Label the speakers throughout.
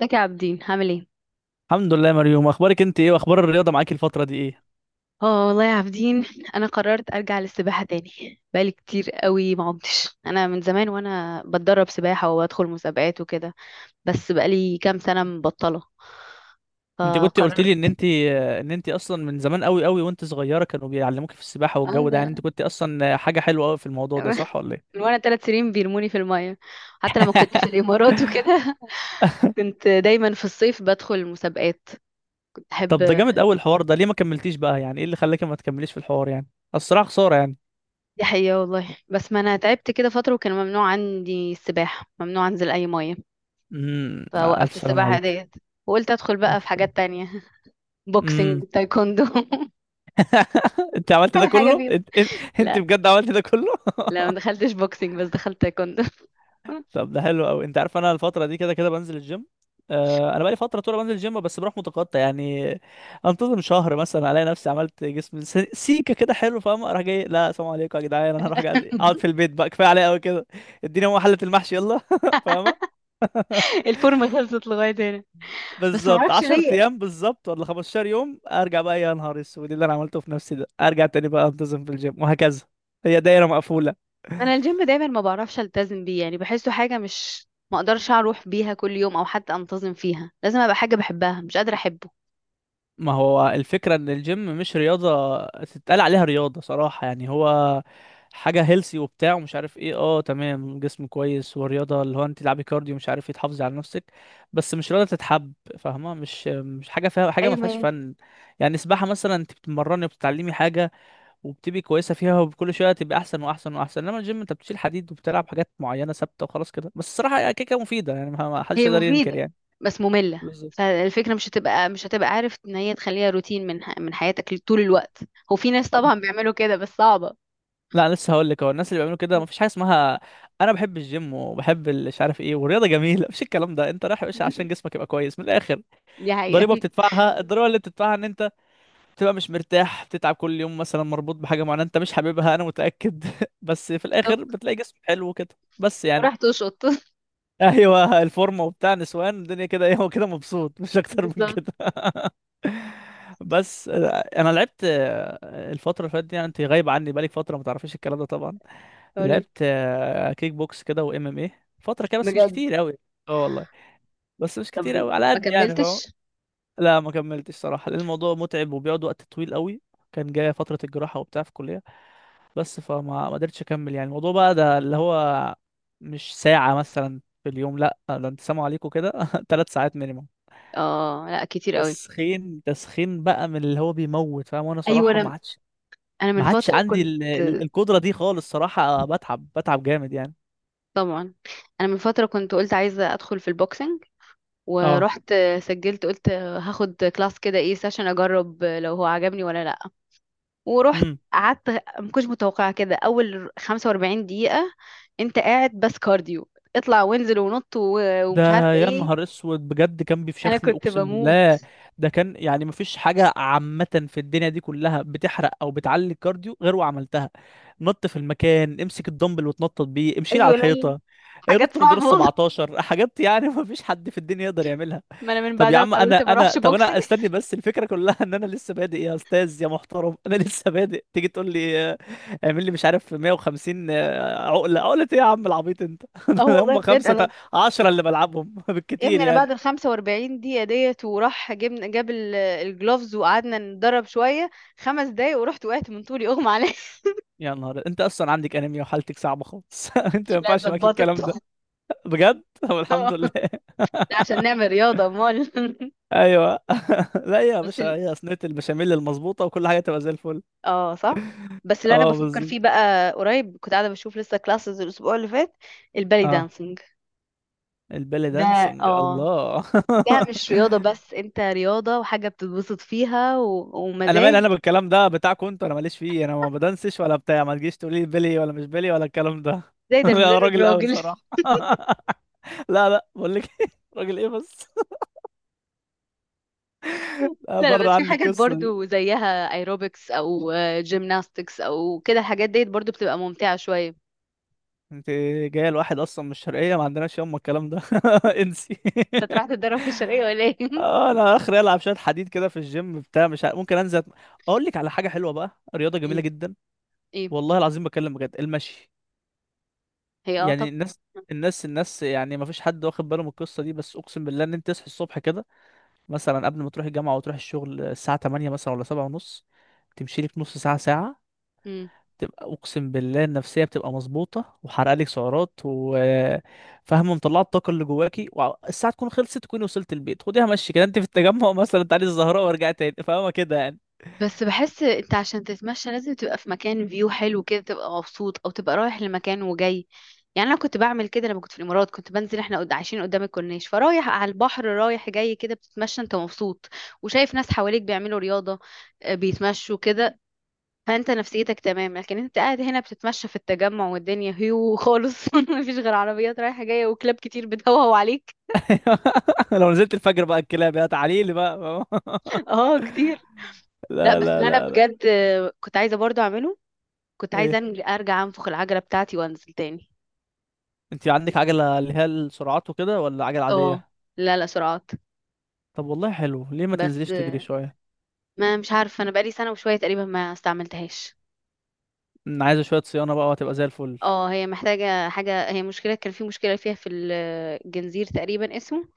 Speaker 1: ازيك يا عابدين، عامل ايه؟
Speaker 2: الحمد لله يا مريوم، اخبارك انت ايه؟ واخبار الرياضه معاكي الفتره دي ايه؟
Speaker 1: اه والله يا عابدين. انا قررت ارجع للسباحه تاني. بقالي كتير قوي ما عمتش، انا من زمان وانا بتدرب سباحه وبدخل مسابقات وكده. بس بقالي كام سنه مبطله.
Speaker 2: انت كنت قلت لي ان
Speaker 1: فقررت.
Speaker 2: انت ان انت اصلا من زمان قوي قوي وانت صغيره كانوا بيعلموك في السباحه،
Speaker 1: اه،
Speaker 2: والجو ده يعني
Speaker 1: لا.
Speaker 2: انت كنت اصلا حاجه حلوه قوي في الموضوع ده، صح ولا
Speaker 1: من
Speaker 2: ايه؟
Speaker 1: وانا ثلاث سنين بيرموني في الميه. حتى لما كنت في الامارات وكده. كنت دايما في الصيف بدخل مسابقات. كنت احب.
Speaker 2: طب ده جامد قوي الحوار ده، ليه ما كملتيش بقى؟ يعني ايه اللي خلاك ما تكمليش في الحوار؟ يعني الصراحه خساره يعني.
Speaker 1: دي حقيقه والله، بس ما انا تعبت كده فتره وكان ممنوع عندي السباحه، ممنوع انزل اي ميه.
Speaker 2: امم. الف
Speaker 1: فوقفت
Speaker 2: سلام
Speaker 1: السباحة
Speaker 2: عليك.
Speaker 1: ديت. وقلت ادخل
Speaker 2: الف
Speaker 1: بقى في
Speaker 2: سلام.
Speaker 1: حاجات تانية.
Speaker 2: امم.
Speaker 1: بوكسنج، تايكوندو.
Speaker 2: انت عملت ده
Speaker 1: اي حاجة
Speaker 2: كله؟
Speaker 1: فيهم.
Speaker 2: انت انت أنت
Speaker 1: لا،
Speaker 2: بجد عملت ده كله؟
Speaker 1: لا، ما دخلتش بوكسنج بس دخلت تايكوندو.
Speaker 2: طب ده حلو قوي. انت عارف انا الفتره دي كده كده بنزل الجيم. انا بقالي فتره طول بنزل الجيم، بس بروح متقطع يعني. انتظم شهر مثلا، الاقي نفسي عملت جسم سيكه كده حلو، فاهم؟ اروح جاي لا، سلام عليكم يا جدعان. انا هروح قاعد اقعد في البيت بقى، كفايه عليا قوي كده. اديني هو حله المحشي يلا. فاهمه؟
Speaker 1: الفورمة خلصت لغاية هنا. بس ما
Speaker 2: بالظبط
Speaker 1: اعرفش
Speaker 2: 10
Speaker 1: ليه.
Speaker 2: ايام، بالظبط ولا 15 يوم، ارجع بقى. يا نهار اسود اللي انا عملته في نفسي ده! ارجع تاني بقى انتظم في الجيم وهكذا. هي دايره مقفوله.
Speaker 1: انا الجيم دايما ما بعرفش التزم بيه، يعني بحسه حاجة مش، ما اقدرش اروح بيها كل يوم او حتى انتظم فيها. لازم ابقى حاجة بحبها، مش قادرة احبه.
Speaker 2: ما هو الفكرة ان الجيم مش رياضة تتقال عليها رياضة صراحة. يعني هو حاجة هيلسي وبتاع، ومش عارف ايه، تمام، جسم كويس ورياضة اللي هو انت تلعبي كارديو، مش عارف ايه، تحافظي على نفسك. بس مش رياضة تتحب، فاهمة؟ مش حاجة فيها حاجة، ما فيهاش
Speaker 1: ايوه،
Speaker 2: فن. يعني سباحة مثلا انت بتتمرني وبتتعلمي حاجة، وبتبقي كويسة فيها وكل شوية تبقى احسن واحسن واحسن. انما الجيم، انت بتشيل حديد وبتلعب حاجات معينة ثابتة وخلاص كده. بس الصراحة كيكة مفيدة يعني، ما حدش
Speaker 1: هي
Speaker 2: يقدر ينكر
Speaker 1: مفيدة.
Speaker 2: يعني.
Speaker 1: بس مملة،
Speaker 2: بالظبط.
Speaker 1: فالفكرة مش هتبقى عارف ان هي تخليها روتين من حياتك طول الوقت. هو في ناس طبعا بيعملوا كده بس صعبة.
Speaker 2: لا، أنا لسه هقول لك، هو الناس اللي بيعملوا كده مفيش حاجه اسمها. انا بحب الجيم وبحب مش عارف ايه، والرياضه جميله. مفيش الكلام ده، انت رايح يا باشا عشان جسمك يبقى كويس من الاخر.
Speaker 1: دي حقيقة.
Speaker 2: ضريبه بتدفعها الضريبه اللي بتدفعها ان انت بتبقى مش مرتاح، بتتعب كل يوم مثلا، مربوط بحاجه معينه انت مش حاببها، انا متاكد. بس في الاخر
Speaker 1: بالظبط.
Speaker 2: بتلاقي جسم حلو كده، بس يعني.
Speaker 1: وراح تشط.
Speaker 2: ايوه، الفورمه وبتاع، نسوان الدنيا كده ايه، هو كده مبسوط مش اكتر من
Speaker 1: بالظبط.
Speaker 2: كده. بس، انا لعبت الفتره اللي فاتت دي يعني، انت غايب عني بقالك فتره، ما تعرفيش الكلام ده طبعا.
Speaker 1: قولي.
Speaker 2: لعبت كيك بوكس كده، وام ام ايه فتره كده، بس مش
Speaker 1: بجد؟
Speaker 2: كتير قوي. اه والله، بس مش كتير
Speaker 1: طب،
Speaker 2: قوي على
Speaker 1: ما
Speaker 2: قد يعني، فاهم؟
Speaker 1: كملتش.
Speaker 2: لا ما كملتش صراحه، لان الموضوع متعب وبيقعد وقت طويل قوي. كان جايه فتره الجراحه وبتاع في الكليه. بس فما ما قدرتش اكمل يعني، الموضوع بقى ده اللي هو، مش ساعه مثلا في اليوم، لا ده انت سامع عليكم كده 3 ساعات مينيموم.
Speaker 1: اه، لا، كتير قوي.
Speaker 2: تسخين تسخين بقى، من اللي هو بيموت، فاهم؟ وانا
Speaker 1: ايوه،
Speaker 2: صراحه ما
Speaker 1: انا
Speaker 2: عادش
Speaker 1: انا من
Speaker 2: ما عادش
Speaker 1: فترة
Speaker 2: عندي
Speaker 1: كنت.
Speaker 2: القدره دي خالص صراحه، بتعب بتعب جامد يعني.
Speaker 1: طبعا. انا من فترة كنت قلت عايزة ادخل في البوكسنج.
Speaker 2: اه.
Speaker 1: ورحت. سجلت، قلت هاخد كلاس كده، ايه، سيشن، اجرب لو هو عجبني ولا لا. ورحت.
Speaker 2: امم.
Speaker 1: قعدت. ما كنتش متوقعة كده. اول 45 دقيقة انت قاعد بس كارديو، اطلع وانزل ونط ومش
Speaker 2: ده
Speaker 1: عارفة
Speaker 2: يا
Speaker 1: ايه.
Speaker 2: نهار اسود بجد، كان
Speaker 1: انا
Speaker 2: بيفشخني
Speaker 1: كنت
Speaker 2: اقسم
Speaker 1: بموت.
Speaker 2: بالله! ده كان يعني مفيش حاجه عامه في الدنيا دي كلها بتحرق او بتعلي الكارديو غير وعملتها. نط في المكان، امسك الدمبل وتنطط بيه، امشي على
Speaker 1: ايوه، لا،
Speaker 2: الحيطه،
Speaker 1: حاجات
Speaker 2: نط من دور ال
Speaker 1: صعبة والله.
Speaker 2: 17 حاجات يعني. مفيش حد في الدنيا يقدر يعملها.
Speaker 1: ما انا من
Speaker 2: طب يا
Speaker 1: بعدها
Speaker 2: عم،
Speaker 1: قررت ما اروحش بوكسنج.
Speaker 2: انا استني بس. الفكره كلها ان انا لسه بادئ يا استاذ يا محترم. انا لسه بادئ تيجي تقول لي اعمل لي مش عارف 150 عقله ايه يا عم العبيط انت؟
Speaker 1: اه والله
Speaker 2: هم
Speaker 1: بجد
Speaker 2: خمسه
Speaker 1: انا،
Speaker 2: عشرة اللي بلعبهم
Speaker 1: يا
Speaker 2: بالكتير
Speaker 1: ابني، انا
Speaker 2: يعني.
Speaker 1: بعد ال 45 دقيقة ديت وراح جبنا جاب الجلوفز وقعدنا نتدرب شوية. خمس دقايق ورحت وقعت من طولي، اغمى عليا.
Speaker 2: يا نهار! انت اصلا عندك انيميا وحالتك صعبه خالص. انت ما
Speaker 1: لا،
Speaker 2: ينفعش معاك
Speaker 1: اتظبطت.
Speaker 2: الكلام ده بجد. طب الحمد لله.
Speaker 1: لا، عشان نعمل رياضة امال.
Speaker 2: ايوه. لا يا
Speaker 1: بس
Speaker 2: باشا،
Speaker 1: ال...
Speaker 2: هي صينيه البشاميل المظبوطه وكل حاجه تبقى زي الفل.
Speaker 1: اه، صح. بس اللي انا
Speaker 2: اه
Speaker 1: بفكر
Speaker 2: بالظبط.
Speaker 1: فيه بقى، قريب كنت قاعدة بشوف لسه كلاسز الاسبوع اللي فات. البالي
Speaker 2: اه،
Speaker 1: دانسينج.
Speaker 2: البالي
Speaker 1: ده
Speaker 2: دانسينج،
Speaker 1: اه
Speaker 2: الله!
Speaker 1: ده مش رياضة، بس انت رياضة وحاجة بتتبسط فيها
Speaker 2: انا مالي
Speaker 1: ومزاج.
Speaker 2: انا بالكلام ده بتاعكم انتوا، انا ماليش فيه، انا ما بدنسش ولا بتاع، ما تجيش تقولي لي بيلي ولا مش بيلي ولا الكلام ده.
Speaker 1: زي ده
Speaker 2: انا
Speaker 1: المدرب
Speaker 2: راجل قوي
Speaker 1: راجل.
Speaker 2: صراحه. لا لا، بقول لك إيه، راجل ايه بس! لا،
Speaker 1: لا، لا، بس
Speaker 2: بره
Speaker 1: في
Speaker 2: عني
Speaker 1: حاجات
Speaker 2: القصه دي.
Speaker 1: برضو زيها، ايروبكس او جيمناستكس او كده، الحاجات ديت برضو بتبقى ممتعة شوية.
Speaker 2: انت جايه لواحد اصلا من الشرقيه، ما عندناش يوم الكلام ده. انسي.
Speaker 1: انت رايح تتدرب في الشرقية ولا ايه؟
Speaker 2: انا اخري العب شويه حديد كده في الجيم بتاع مش عارف، ممكن انزل اقول لك على حاجه حلوه بقى، رياضه جميله
Speaker 1: ايه؟
Speaker 2: جدا.
Speaker 1: ايه؟
Speaker 2: والله العظيم بكلم بجد، المشي.
Speaker 1: هي
Speaker 2: يعني
Speaker 1: طب.
Speaker 2: الناس يعني ما فيش حد واخد باله من القصه دي، بس اقسم بالله ان انت تصحي الصبح كده، مثلا قبل ما تروح الجامعه وتروح الشغل، الساعه 8 مثلا ولا 7 ونص، تمشي لك نص ساعه ساعه،
Speaker 1: مم.
Speaker 2: تبقى اقسم بالله النفسيه بتبقى مظبوطه، وحرق لك سعرات وفاهمه مطلعه الطاقه اللي جواكي، والساعه تكون خلصت تكوني وصلت البيت. خديها مشي كده، انت في التجمع مثلا تعالي الزهراء وارجعي تاني. فاهمه كده يعني؟
Speaker 1: بس بحس انت عشان تتمشى لازم تبقى في مكان فيو حلو كده، تبقى مبسوط او تبقى رايح لمكان وجاي. يعني انا كنت بعمل كده لما كنت في الامارات، كنت بنزل، احنا عايشين قدام الكورنيش، فرايح على البحر رايح جاي كده، بتتمشى انت مبسوط. وشايف ناس حواليك بيعملوا رياضة، بيتمشوا كده. فانت نفسيتك تمام، لكن انت قاعد هنا بتتمشى في التجمع والدنيا هيو خالص. مفيش غير عربيات رايحة جاية وكلاب كتير بتهوهو عليك.
Speaker 2: لو نزلت الفجر بقى الكلاب يا تعالي لي بقى. فاهمة؟
Speaker 1: اه، كتير. لا،
Speaker 2: لا
Speaker 1: بس
Speaker 2: لا
Speaker 1: اللي انا
Speaker 2: لا لا.
Speaker 1: بجد كنت عايزة برضو اعمله. كنت عايزة
Speaker 2: ايه،
Speaker 1: ارجع انفخ العجلة بتاعتي وانزل تاني.
Speaker 2: انت عندك عجلة اللي هي السرعات وكده ولا عجلة
Speaker 1: اه،
Speaker 2: عادية؟
Speaker 1: لا، لا، سرعات.
Speaker 2: طب والله حلو، ليه ما
Speaker 1: بس
Speaker 2: تنزليش تجري شوية؟
Speaker 1: ما مش عارفة، انا بقالي سنة وشوية تقريبا ما استعملتهاش.
Speaker 2: عايزة شوية صيانة بقى وهتبقى زي الفل.
Speaker 1: اه، هي محتاجة حاجة، هي مشكلة، كان في مشكلة فيها في الجنزير تقريبا اسمه.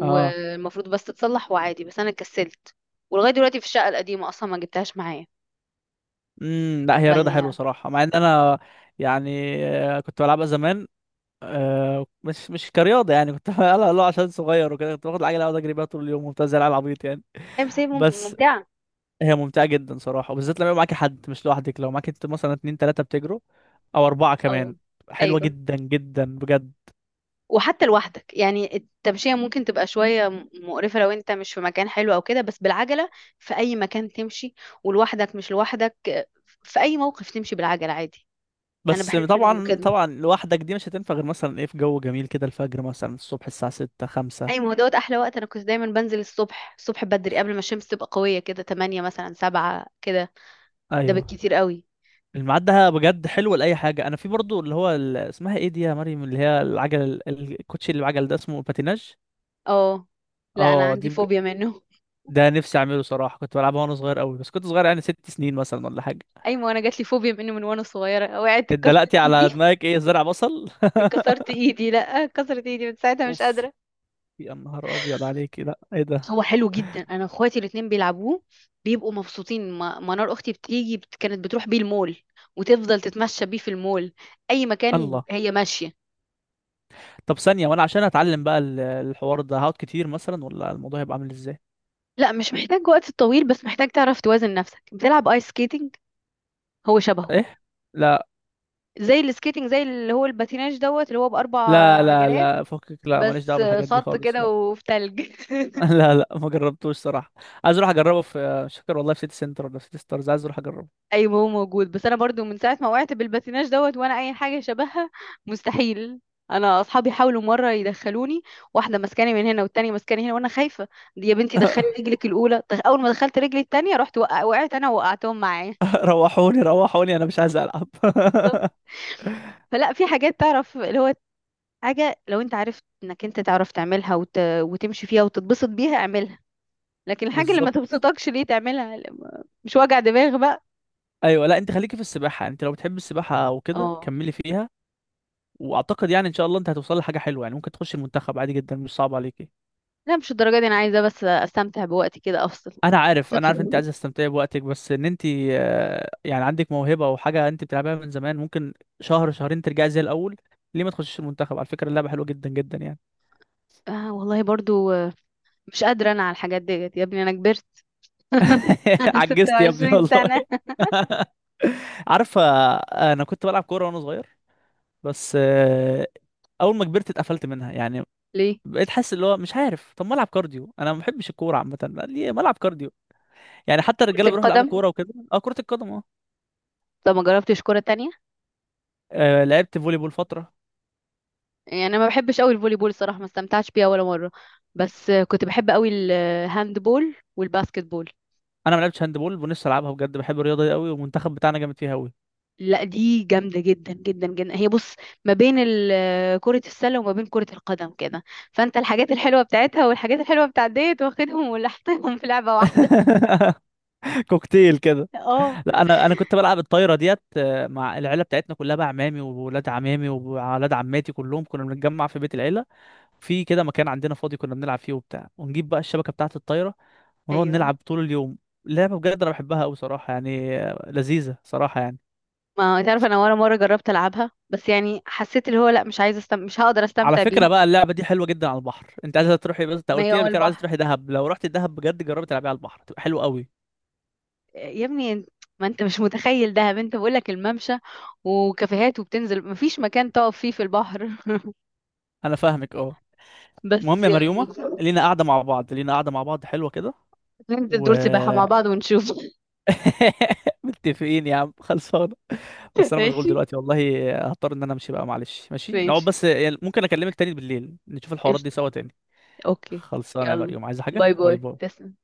Speaker 2: اه،
Speaker 1: بس تتصلح وعادي، بس انا كسلت. ولغاية دلوقتي في الشقة القديمة اصلا ما جبتهاش معايا.
Speaker 2: لا،
Speaker 1: ف
Speaker 2: هي رياضة حلوة صراحة، مع ان انا يعني كنت بلعبها زمان، مش كرياضة يعني كنت. لا لا، عشان صغير وكده كنت باخد العجلة اقعد اجري بيها طول اليوم وبتاع زي العيال العبيط يعني.
Speaker 1: هي مسايب
Speaker 2: بس
Speaker 1: ممتعة.
Speaker 2: هي ممتعة جدا صراحة، وبالذات لما يبقى معاكي حد مش لوحدك، لو معاكي انت مثلا اتنين تلاتة بتجروا او اربعة
Speaker 1: اه،
Speaker 2: كمان، حلوة
Speaker 1: ايوه.
Speaker 2: جدا جدا بجد.
Speaker 1: وحتى لوحدك، يعني التمشية ممكن تبقى شوية مقرفة لو انت مش في مكان حلو او كده، بس بالعجلة في اي مكان تمشي، ولوحدك مش لوحدك، في اي موقف تمشي بالعجلة عادي. انا
Speaker 2: بس
Speaker 1: بحس انه
Speaker 2: طبعا
Speaker 1: كده.
Speaker 2: طبعا، لوحدك دي مش هتنفع غير مثلا ايه في جو جميل كده. الفجر مثلا، الصبح، الساعة ستة خمسة.
Speaker 1: اي، ما هو دوت احلى وقت. انا كنت دايما بنزل الصبح الصبح بدري قبل ما الشمس تبقى قويه، كده 8 مثلا 7 كده. ده
Speaker 2: ايوه،
Speaker 1: بالكتير قوي.
Speaker 2: الميعاد ده بجد حلو لأي حاجة. أنا في برضو اللي هو اسمها ايه دي يا مريم اللي هي العجل، الكوتشي اللي بعجل، ده اسمه باتيناج.
Speaker 1: اه، لا، انا
Speaker 2: اه، دي
Speaker 1: عندي فوبيا منه.
Speaker 2: ده نفسي أعمله صراحة. كنت بلعبها وأنا صغير قوي، بس كنت صغير يعني 6 سنين مثلا ولا حاجة.
Speaker 1: اي، ما انا جات لي فوبيا منه من وانا صغيره، وقعت اتكسرت
Speaker 2: اتدلقتي على
Speaker 1: ايدي.
Speaker 2: دماغك، ايه زرع بصل؟
Speaker 1: اتكسرت ايدي، لا، اتكسرت ايدي من ساعتها مش
Speaker 2: اوف،
Speaker 1: قادره.
Speaker 2: يا نهار أبيض عليك! لا ايه ده،
Speaker 1: هو حلو جدا، انا اخواتي الاتنين بيلعبوه، بيبقوا مبسوطين. منار اختي كانت بتروح بيه المول، وتفضل تتمشى بيه في المول، اي مكان
Speaker 2: الله!
Speaker 1: هي ماشيه.
Speaker 2: طب ثانية، وأنا عشان أتعلم بقى الحوار ده، هقعد كتير مثلا ولا الموضوع هيبقى عامل ازاي؟
Speaker 1: لا، مش محتاج وقت طويل، بس محتاج تعرف توازن نفسك، بتلعب ايس سكيتنج. هو شبهه.
Speaker 2: ايه؟ لا
Speaker 1: زي السكيتنج، زي اللي هو الباتيناج دوت، اللي هو بأربع
Speaker 2: لا لا
Speaker 1: عجلات،
Speaker 2: لا، فكك، لا ماليش دعوه
Speaker 1: بس
Speaker 2: بالحاجات دي
Speaker 1: خط
Speaker 2: خالص،
Speaker 1: كده
Speaker 2: لا.
Speaker 1: وفي تلج.
Speaker 2: لا لا، ما جربتوش صراحه. عايز اروح اجربه في مش فاكر والله، في سيتي سنتر ولا في سيتي ستارز، عايز اروح اجربه.
Speaker 1: ايوه، هو موجود، بس انا برضو من ساعه ما وقعت بالباتيناج دوت وانا اي حاجه شبهها مستحيل. انا اصحابي حاولوا مره يدخلوني، واحده ماسكاني من هنا والتانيه ماسكاني هنا وانا خايفه. دي يا بنتي دخلي رجلك الاولى، اول ما دخلت رجلي التانيه وقعت انا، وقعتهم معايا.
Speaker 2: روحوني روحوني، انا مش عايز العب.
Speaker 1: بالظبط. فلا، في حاجات، تعرف اللي هو، حاجة لو انت عارف انك انت تعرف تعملها وتمشي فيها وتتبسط بيها، اعملها. لكن الحاجة اللي ما
Speaker 2: بالظبط.
Speaker 1: تبسطكش ليه تعملها؟ مش وجع دماغ بقى.
Speaker 2: ايوه. لا، انت خليكي في السباحه يعني، انت لو بتحب السباحه وكده
Speaker 1: اه،
Speaker 2: كملي فيها. واعتقد يعني ان شاء الله انت هتوصل لحاجه حلوه يعني، ممكن تخش المنتخب عادي جدا، مش صعب عليكي.
Speaker 1: لا، مش الدرجة دي، انا عايزة بس استمتع بوقتي كده افصل.
Speaker 2: انا عارف،
Speaker 1: مش
Speaker 2: انا عارف، انت
Speaker 1: هدخل-
Speaker 2: عايز تستمتعي بوقتك، بس ان انت يعني عندك موهبه او حاجه انت بتلعبها من زمان، ممكن شهر شهرين ترجعي زي الاول. ليه ما تخشيش المنتخب؟ على فكره اللعبه حلوه جدا جدا يعني.
Speaker 1: آه والله برضو، مش قادرة انا على الحاجات ديت، يا ابني، انا كبرت.
Speaker 2: عجزت يا ابني
Speaker 1: 26
Speaker 2: والله.
Speaker 1: سنة.
Speaker 2: عارف، انا كنت بلعب كوره وانا صغير، بس اول ما كبرت اتقفلت منها يعني،
Speaker 1: ليه؟
Speaker 2: بقيت حاسس اللي هو مش عارف. طب ما العب كارديو، انا ما بحبش الكوره عامه، ليه ما العب كارديو؟ يعني حتى الرجاله
Speaker 1: كرة
Speaker 2: بيروحوا يلعبوا
Speaker 1: القدم.
Speaker 2: كوره وكده، اه كره القدم، اه.
Speaker 1: طب ما جربتش كرة تانية؟
Speaker 2: لعبت فولي بول فتره.
Speaker 1: يعني انا ما بحبش قوي الفولي بول صراحة، ما استمتعتش بيها ولا مرة. بس كنت بحب قوي الهاند بول والباسكت بول.
Speaker 2: انا ما لعبتش هاند بول ونفسي العبها بجد، بحب الرياضه دي قوي والمنتخب بتاعنا جامد فيها قوي.
Speaker 1: لا، دي جامدة جدا جدا جدا، هي بص، ما بين كرة السلة وما بين كرة القدم كده، فانت الحاجات الحلوة بتاعتها والحاجات الحلوة بتاعت ديت واخدهم ولحقتهم في لعبة واحدة.
Speaker 2: كوكتيل كده.
Speaker 1: اه،
Speaker 2: لا، انا كنت بلعب الطايره ديت مع العيله بتاعتنا كلها بقى، عمامي وولاد عمامي وولاد عماتي كلهم، كنا بنتجمع في بيت العيله، في كده مكان عندنا فاضي كنا بنلعب فيه وبتاع، ونجيب بقى الشبكه بتاعه الطايره ونقعد
Speaker 1: ايوه.
Speaker 2: نلعب طول اليوم. لعبه بجد انا بحبها قوي صراحه يعني، لذيذه صراحه يعني.
Speaker 1: ما تعرف، انا ولا مرة جربت العبها، بس يعني حسيت اللي هو لا، مش عايزة مش هقدر
Speaker 2: على
Speaker 1: استمتع بيه.
Speaker 2: فكره بقى، اللعبه دي حلوه جدا على البحر، انت عايزه تروحي، بس انت
Speaker 1: ما هي
Speaker 2: قلت لي
Speaker 1: هو
Speaker 2: قبل كده عايزه
Speaker 1: البحر،
Speaker 2: تروحي دهب. لو رحت دهب بجد جربي تلعبيها على البحر، تبقى حلوه قوي.
Speaker 1: يا ابني انت، ما انت مش متخيل دهب، انت بقولك الممشى وكافيهات وبتنزل، مفيش مكان تقف فيه في البحر.
Speaker 2: انا فاهمك، اه. المهم
Speaker 1: بس
Speaker 2: يا
Speaker 1: يعني،
Speaker 2: مريومة، لينا قاعدة مع بعض حلوة كده.
Speaker 1: ننزل
Speaker 2: و
Speaker 1: دور سباحة مع بعض ونشوف.
Speaker 2: متفقين يا عم خلصانة. بس أنا مشغول
Speaker 1: ماشي،
Speaker 2: دلوقتي والله، هضطر إن أنا أمشي بقى معلش. ماشي نقعد،
Speaker 1: ماشي،
Speaker 2: بس يعني ممكن أكلمك تاني بالليل نشوف الحوارات دي
Speaker 1: قشطة،
Speaker 2: سوا تاني.
Speaker 1: اوكي.
Speaker 2: خلصانة يا
Speaker 1: يلا.
Speaker 2: مريوم، عايزة حاجة؟
Speaker 1: باي
Speaker 2: باي
Speaker 1: باي،
Speaker 2: باي.
Speaker 1: تسلم.